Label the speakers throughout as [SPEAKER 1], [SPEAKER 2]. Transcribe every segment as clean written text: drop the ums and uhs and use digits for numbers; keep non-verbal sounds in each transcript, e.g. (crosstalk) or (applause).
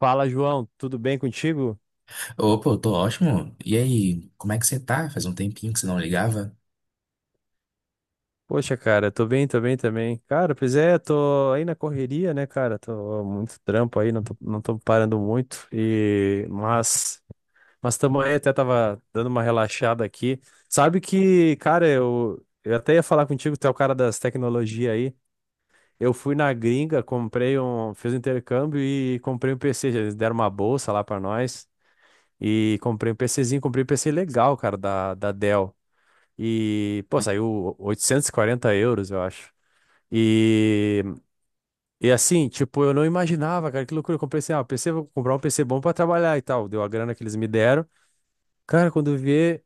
[SPEAKER 1] Fala, João, tudo bem contigo?
[SPEAKER 2] Opa, eu tô ótimo. E aí, como é que você tá? Faz um tempinho que você não ligava?
[SPEAKER 1] Poxa, cara, tô bem também. Cara, pois é, tô aí na correria, né, cara? Tô muito trampo aí, não tô parando muito. E mas também aí, até tava dando uma relaxada aqui. Sabe que, cara, eu até ia falar contigo, tu é o cara das tecnologias aí. Eu fui na gringa, comprei um, fiz um intercâmbio e comprei um PC, eles deram uma bolsa lá pra nós. E comprei um PCzinho, comprei um PC legal, cara, da Dell. E, pô, saiu 840 euros, eu acho. E, e assim, tipo, eu não imaginava, cara, que loucura. Eu comprei assim, ah, PC, vou comprar um PC bom pra trabalhar e tal. Deu a grana que eles me deram. Cara, quando eu vi,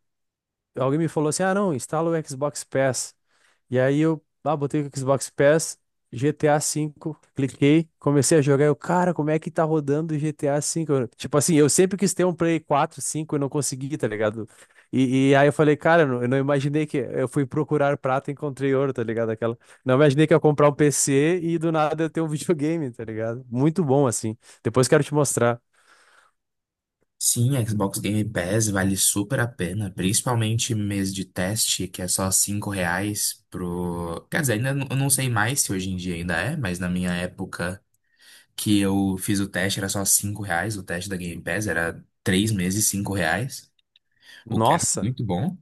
[SPEAKER 1] alguém me falou assim: ah, não, instala o Xbox Pass. E aí eu, ah, botei o Xbox Pass, GTA V, cliquei, comecei a jogar. Eu, cara, como é que tá rodando o GTA V? Eu, tipo assim, eu sempre quis ter um Play 4 5 e não consegui, tá ligado? E aí eu falei, cara, eu não imaginei que. Eu fui procurar prata e encontrei ouro, tá ligado? Aquela. Não imaginei que eu ia comprar um PC e do nada eu ter um (laughs) videogame, tá ligado? Muito bom, assim. Depois quero te mostrar.
[SPEAKER 2] Sim, a Xbox Game Pass vale super a pena, principalmente mês de teste, que é só R$ 5 pro. Quer dizer, eu não sei mais se hoje em dia ainda é, mas na minha época que eu fiz o teste era só R$ 5, o teste da Game Pass era 3 meses, R$ 5, o que era
[SPEAKER 1] Nossa,
[SPEAKER 2] muito bom.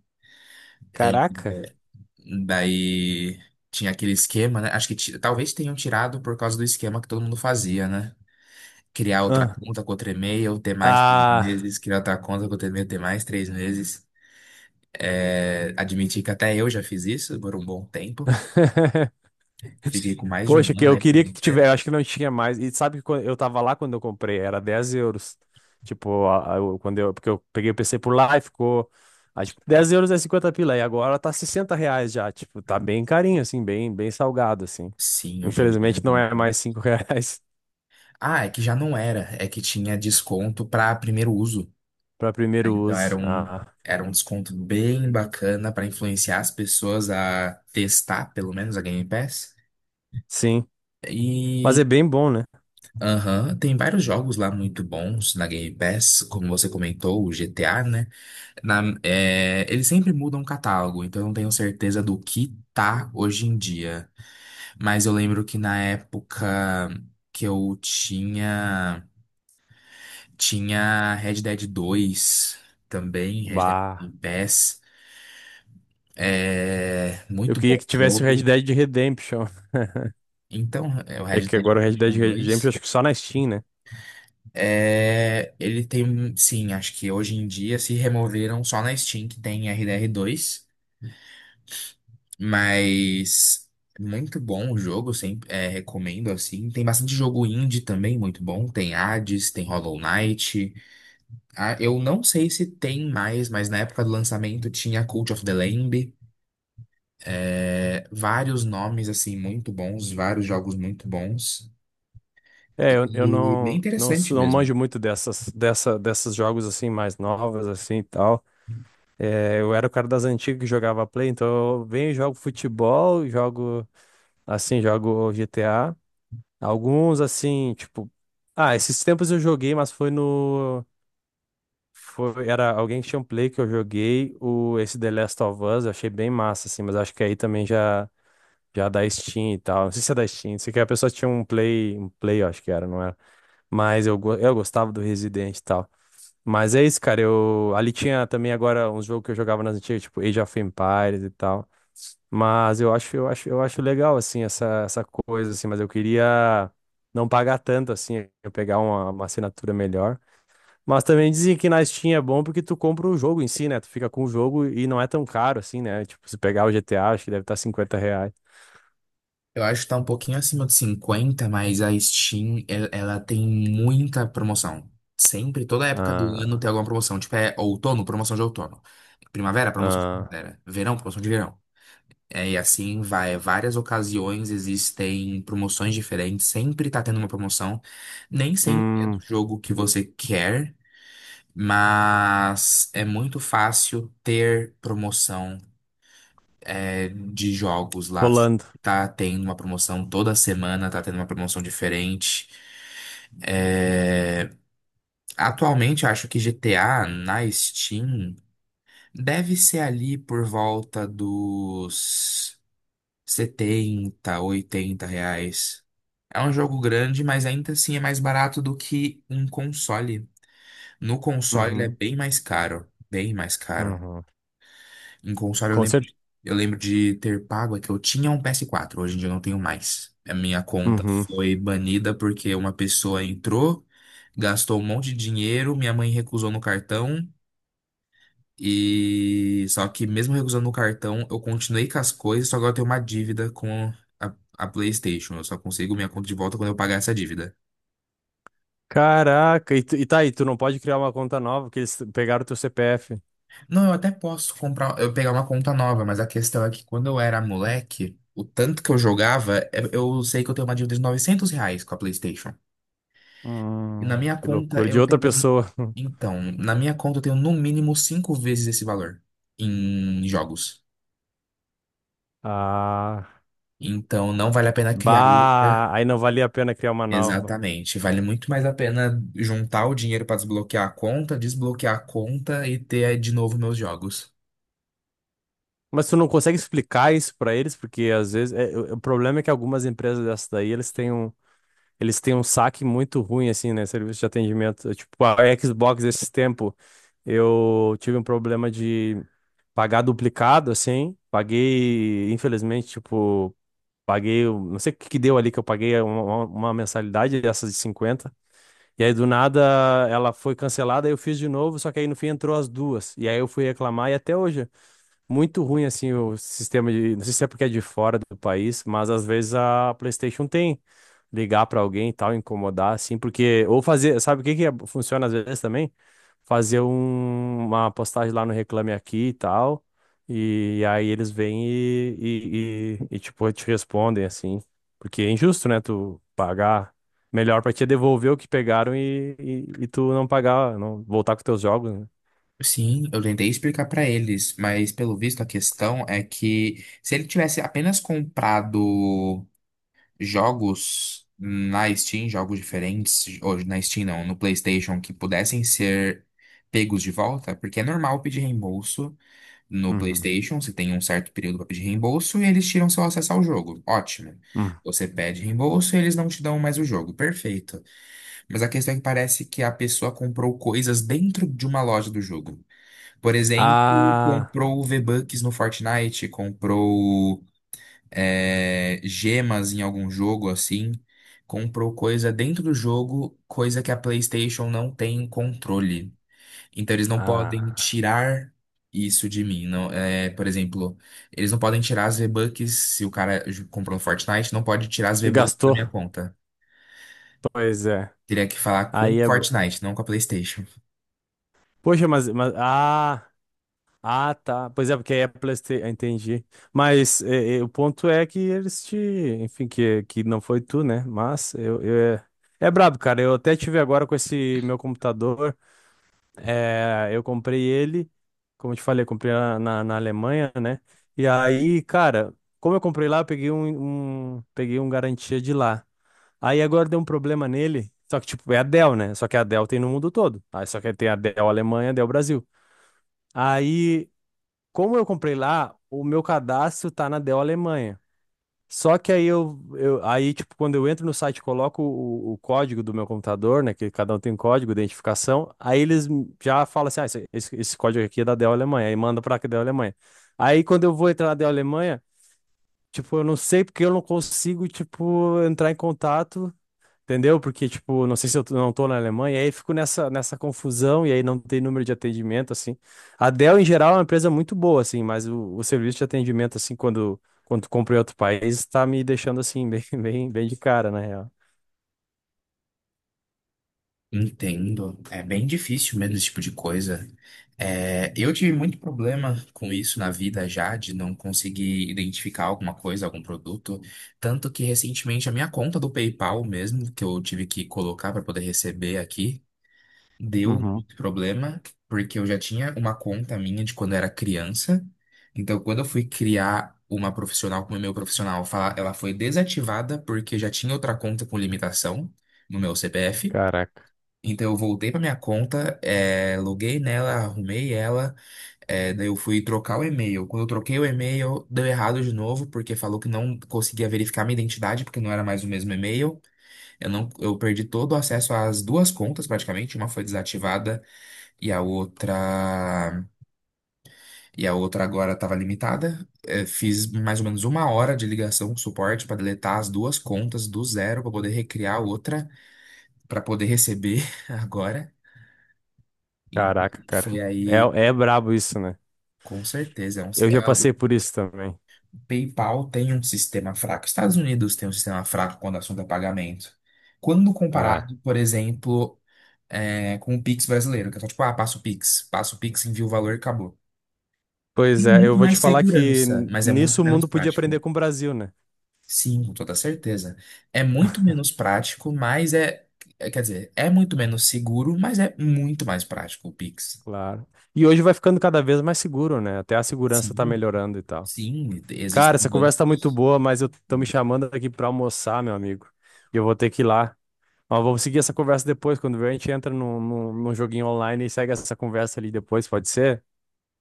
[SPEAKER 2] É, é,
[SPEAKER 1] caraca.
[SPEAKER 2] daí tinha aquele esquema, né? Acho que talvez tenham tirado por causa do esquema que todo mundo fazia, né? Criar outra
[SPEAKER 1] Ah,
[SPEAKER 2] conta com outro e-mail, ter mais três
[SPEAKER 1] ah.
[SPEAKER 2] meses, criar outra conta com outro e-mail, ter mais três meses. É, admitir que até eu já fiz isso por um bom tempo.
[SPEAKER 1] (laughs)
[SPEAKER 2] Fiquei com mais de
[SPEAKER 1] Poxa,
[SPEAKER 2] um
[SPEAKER 1] que
[SPEAKER 2] ano
[SPEAKER 1] eu
[SPEAKER 2] aí
[SPEAKER 1] queria que
[SPEAKER 2] no pé.
[SPEAKER 1] tivesse, acho que não tinha mais. E sabe que eu tava lá quando eu comprei, era 10 euros. Tipo, quando eu, porque eu peguei o PC por lá e ficou, ah, tipo, 10 euros é 50 pila, e agora tá 60 reais já, tipo, tá bem carinho, assim, bem, bem salgado, assim.
[SPEAKER 2] Sim, hoje em dia,
[SPEAKER 1] Infelizmente
[SPEAKER 2] eu
[SPEAKER 1] não
[SPEAKER 2] tenho-
[SPEAKER 1] é
[SPEAKER 2] um.
[SPEAKER 1] mais 5 reais (laughs)
[SPEAKER 2] Ah, é que já não era. É que tinha desconto para primeiro uso,
[SPEAKER 1] pra
[SPEAKER 2] né?
[SPEAKER 1] primeiro
[SPEAKER 2] Então era
[SPEAKER 1] uso.
[SPEAKER 2] um,
[SPEAKER 1] Ah,
[SPEAKER 2] era um desconto bem bacana para influenciar as pessoas a testar, pelo menos, a Game Pass.
[SPEAKER 1] sim, mas
[SPEAKER 2] E
[SPEAKER 1] é bem bom, né?
[SPEAKER 2] aham, tem vários jogos lá muito bons na Game Pass, como você comentou, o GTA, né? É, eles sempre mudam o catálogo, então eu não tenho certeza do que tá hoje em dia. Mas eu lembro que na época que eu tinha. Tinha Red Dead 2 também, Red Dead
[SPEAKER 1] Bah,
[SPEAKER 2] Game Pass. É,
[SPEAKER 1] eu
[SPEAKER 2] muito
[SPEAKER 1] queria
[SPEAKER 2] bom
[SPEAKER 1] que tivesse o Red
[SPEAKER 2] jogo.
[SPEAKER 1] Dead Redemption. (laughs)
[SPEAKER 2] Então, é o
[SPEAKER 1] É
[SPEAKER 2] Red
[SPEAKER 1] que
[SPEAKER 2] Dead
[SPEAKER 1] agora o Red Dead
[SPEAKER 2] Redemption
[SPEAKER 1] Redemption,
[SPEAKER 2] 2.
[SPEAKER 1] acho que só na Steam, né?
[SPEAKER 2] É, ele tem, sim, acho que hoje em dia se removeram só na Steam que tem RDR2. Mas muito bom o jogo, sempre é, recomendo assim. Tem bastante jogo indie também, muito bom. Tem Hades, tem Hollow Knight. Ah, eu não sei se tem mais, mas na época do lançamento tinha Cult of the Lamb. É, vários nomes assim muito bons, vários jogos muito bons.
[SPEAKER 1] É, eu
[SPEAKER 2] E bem
[SPEAKER 1] não, não,
[SPEAKER 2] interessante
[SPEAKER 1] não
[SPEAKER 2] mesmo.
[SPEAKER 1] manjo muito dessas, dessa, desses jogos assim mais novas assim e tal. É, eu era o cara das antigas que jogava Play, então eu venho e jogo futebol, jogo assim, jogo GTA. Alguns assim, tipo, ah, esses tempos eu joguei, mas foi no foi era alguém que tinha um Play que eu joguei, o esse The Last of Us, eu achei bem massa assim, mas acho que aí também já da Steam e tal. Não sei se é da Steam, não sei que a pessoa tinha um Play, eu acho que era, não era? Mas eu, eu gostava do Resident e tal. Mas é isso, cara. Eu, ali tinha também agora uns jogos que eu jogava nas antigas, tipo Age of Empires e tal. Mas eu acho legal, assim, essa coisa, assim, mas eu queria não pagar tanto, assim, eu pegar uma assinatura melhor. Mas também dizem que na Steam é bom porque tu compra o jogo em si, né? Tu fica com o jogo e não é tão caro, assim, né? Tipo, se pegar o GTA, acho que deve estar 50 reais.
[SPEAKER 2] Eu acho que tá um pouquinho acima de cinquenta, mas a Steam, ela tem muita promoção. Sempre, toda época do ano tem
[SPEAKER 1] Ah,
[SPEAKER 2] alguma promoção. Tipo, é outono, promoção de outono. Primavera, promoção de
[SPEAKER 1] ah,
[SPEAKER 2] primavera. Verão, promoção de verão. É, e assim vai. Várias ocasiões existem promoções diferentes. Sempre tá tendo uma promoção. Nem sempre é do
[SPEAKER 1] hum,
[SPEAKER 2] jogo que você quer, mas é muito fácil ter promoção de jogos lá.
[SPEAKER 1] rolando.
[SPEAKER 2] Tá tendo uma promoção toda semana, tá tendo uma promoção diferente. É, atualmente, acho que GTA na Steam deve ser ali por volta dos 70, 80 reais. É um jogo grande, mas ainda assim é mais barato do que um console. No console, ele é
[SPEAKER 1] Uhum,
[SPEAKER 2] bem mais caro. Bem mais caro.
[SPEAKER 1] uhum.
[SPEAKER 2] Em console, eu
[SPEAKER 1] Com.
[SPEAKER 2] lembro, eu lembro de ter pago, é que eu tinha um PS4, hoje em dia eu não tenho mais. A minha conta
[SPEAKER 1] Uhum.
[SPEAKER 2] foi banida porque uma pessoa entrou, gastou um monte de dinheiro, minha mãe recusou no cartão, e só que mesmo recusando no cartão, eu continuei com as coisas, só agora eu tenho uma dívida com a PlayStation. Eu só consigo minha conta de volta quando eu pagar essa dívida.
[SPEAKER 1] Caraca, e tá aí, tu não pode criar uma conta nova, porque eles pegaram teu CPF.
[SPEAKER 2] Não, eu até posso comprar, eu pegar uma conta nova, mas a questão é que quando eu era moleque, o tanto que eu jogava, eu sei que eu tenho uma dívida de R$ 900 com a PlayStation. E na minha
[SPEAKER 1] Que
[SPEAKER 2] conta
[SPEAKER 1] loucura, de
[SPEAKER 2] eu
[SPEAKER 1] outra
[SPEAKER 2] tenho.
[SPEAKER 1] pessoa. (laughs)
[SPEAKER 2] Então, na minha conta eu tenho no mínimo cinco vezes esse valor em jogos.
[SPEAKER 1] Ah,
[SPEAKER 2] Então, não vale a pena criar outra.
[SPEAKER 1] bah, aí não valia a pena criar uma nova.
[SPEAKER 2] Exatamente. Vale muito mais a pena juntar o dinheiro para desbloquear a conta e ter de novo meus jogos.
[SPEAKER 1] Mas tu não consegue explicar isso pra eles, porque às vezes é, o problema é que algumas empresas dessas daí, eles têm um, saque muito ruim assim, né, serviço de atendimento. Tipo, a Xbox esses tempo, eu tive um problema de pagar duplicado assim, paguei, infelizmente, tipo. Paguei, não sei o que que deu ali que eu paguei uma mensalidade dessas de 50. E aí do nada ela foi cancelada, aí eu fiz de novo, só que aí no fim entrou as duas. E aí eu fui reclamar e até hoje muito ruim assim o sistema de, não sei se é porque é de fora do país, mas às vezes a PlayStation tem ligar pra alguém e tal, incomodar assim, porque ou fazer, sabe o que que funciona às vezes também? Fazer uma postagem lá no Reclame Aqui e tal, e, aí eles vêm e, tipo te respondem assim, porque é injusto, né? Tu pagar melhor pra te devolver o que pegaram e tu não pagar, não voltar com teus jogos, né?
[SPEAKER 2] Sim, eu tentei explicar pra eles, mas pelo visto a questão é que se ele tivesse apenas comprado jogos na Steam, jogos diferentes, hoje na Steam não, no PlayStation, que pudessem ser pegos de volta, porque é normal pedir reembolso no
[SPEAKER 1] Uhum.
[SPEAKER 2] PlayStation, você tem um certo período para pedir reembolso e eles tiram seu acesso ao jogo. Ótimo.
[SPEAKER 1] Uhum.
[SPEAKER 2] Você pede reembolso e eles não te dão mais o jogo. Perfeito. Mas a questão é que parece que a pessoa comprou coisas dentro de uma loja do jogo. Por exemplo,
[SPEAKER 1] Ah.
[SPEAKER 2] comprou V-Bucks no Fortnite, comprou gemas em algum jogo assim, comprou coisa dentro do jogo, coisa que a PlayStation não tem controle. Então eles não podem
[SPEAKER 1] Ah,
[SPEAKER 2] tirar isso de mim. Não, é, por exemplo, eles não podem tirar as V-Bucks se o cara comprou no Fortnite, não pode tirar as
[SPEAKER 1] e
[SPEAKER 2] V-Bucks da
[SPEAKER 1] gastou?
[SPEAKER 2] minha conta.
[SPEAKER 1] Pois é.
[SPEAKER 2] Teria que falar com o
[SPEAKER 1] Aí é.
[SPEAKER 2] Fortnite, não com a PlayStation.
[SPEAKER 1] Poxa, mas, ah, ah, tá. Pois é, porque aí é PlayStation, entendi. Mas é, o ponto é que eles te, enfim, que não foi tu, né? Mas eu é brabo, cara. Eu até tive agora com esse meu computador. É, eu comprei ele, como eu te falei, eu comprei na Alemanha, né? E aí, cara, como eu comprei lá, eu peguei um garantia de lá. Aí agora deu um problema nele. Só que, tipo, é a Dell, né? Só que a Dell tem no mundo todo. Aí só que tem a Dell Alemanha, a Dell Brasil. Aí, como eu comprei lá, o meu cadastro tá na Dell Alemanha. Só que aí aí, tipo, quando eu entro no site, e coloco o código do meu computador, né? Que cada um tem um código, de identificação. Aí eles já falam assim: ah, esse código aqui é da Dell Alemanha. Aí manda pra Dell Alemanha. Aí quando eu vou entrar na Dell Alemanha, tipo, eu não sei porque eu não consigo, tipo, entrar em contato. Entendeu? Porque, tipo, não sei se eu não tô na Alemanha, aí fico nessa confusão e aí não tem número de atendimento, assim. A Dell, em geral, é uma empresa muito boa, assim, mas o serviço de atendimento, assim, quando tu em outro país, tá me deixando, assim, (laughs) bem, bem, bem de cara, na real.
[SPEAKER 2] Entendo. É bem difícil mesmo esse tipo de coisa. É, eu tive muito problema com isso na vida já, de não conseguir identificar alguma coisa, algum produto. Tanto que recentemente a minha conta do PayPal mesmo, que eu tive que colocar para poder receber aqui, deu
[SPEAKER 1] Uhum.
[SPEAKER 2] muito problema, porque eu já tinha uma conta minha de quando eu era criança. Então, quando eu fui criar uma profissional, como é meu profissional, ela foi desativada porque já tinha outra conta com limitação no meu CPF.
[SPEAKER 1] Caraca,
[SPEAKER 2] Então eu voltei para minha conta, loguei nela, arrumei ela, daí eu fui trocar o e-mail. Quando eu troquei o e-mail, deu errado de novo, porque falou que não conseguia verificar minha identidade, porque não era mais o mesmo e-mail. Eu não, eu perdi todo o acesso às duas contas, praticamente. Uma foi desativada e a outra, e a outra agora estava limitada. Fiz mais ou menos uma hora de ligação com o suporte para deletar as duas contas do zero para poder recriar outra, para poder receber (laughs) agora. E
[SPEAKER 1] caraca, cara.
[SPEAKER 2] foi
[SPEAKER 1] É,
[SPEAKER 2] aí.
[SPEAKER 1] é brabo isso, né?
[SPEAKER 2] Com certeza. É um,
[SPEAKER 1] Eu já
[SPEAKER 2] é, o
[SPEAKER 1] passei por isso também.
[SPEAKER 2] PayPal tem um sistema fraco. Estados Unidos tem um sistema fraco quando o assunto é pagamento. Quando
[SPEAKER 1] Ah.
[SPEAKER 2] comparado, por exemplo, com o Pix brasileiro, que é só tipo, ah, passa o Pix, envia o valor e acabou. Tem
[SPEAKER 1] Pois é, eu
[SPEAKER 2] muito
[SPEAKER 1] vou te
[SPEAKER 2] mais
[SPEAKER 1] falar que
[SPEAKER 2] segurança, mas é muito
[SPEAKER 1] nisso o
[SPEAKER 2] menos
[SPEAKER 1] mundo podia
[SPEAKER 2] prático.
[SPEAKER 1] aprender com o Brasil, né?
[SPEAKER 2] Sim, com toda certeza. É muito menos prático, mas é. Quer dizer, é muito menos seguro, mas é muito mais prático o Pix.
[SPEAKER 1] Claro. E hoje vai ficando cada vez mais seguro, né? Até a segurança tá
[SPEAKER 2] Sim,
[SPEAKER 1] melhorando e tal.
[SPEAKER 2] sim,
[SPEAKER 1] Cara,
[SPEAKER 2] existem
[SPEAKER 1] essa conversa tá muito
[SPEAKER 2] bancos.
[SPEAKER 1] boa, mas eu tô me chamando aqui pra almoçar, meu amigo. E eu vou ter que ir lá. Mas vamos seguir essa conversa depois, quando vier, a gente entra num joguinho online e segue essa conversa ali depois, pode ser?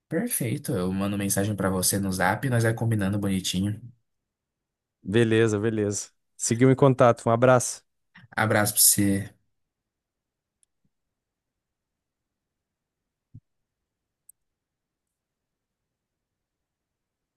[SPEAKER 2] Perfeito. Eu mando mensagem pra você no Zap, e nós vai combinando bonitinho.
[SPEAKER 1] Beleza, beleza. Seguiu em contato. Um abraço.
[SPEAKER 2] Abraço pra você.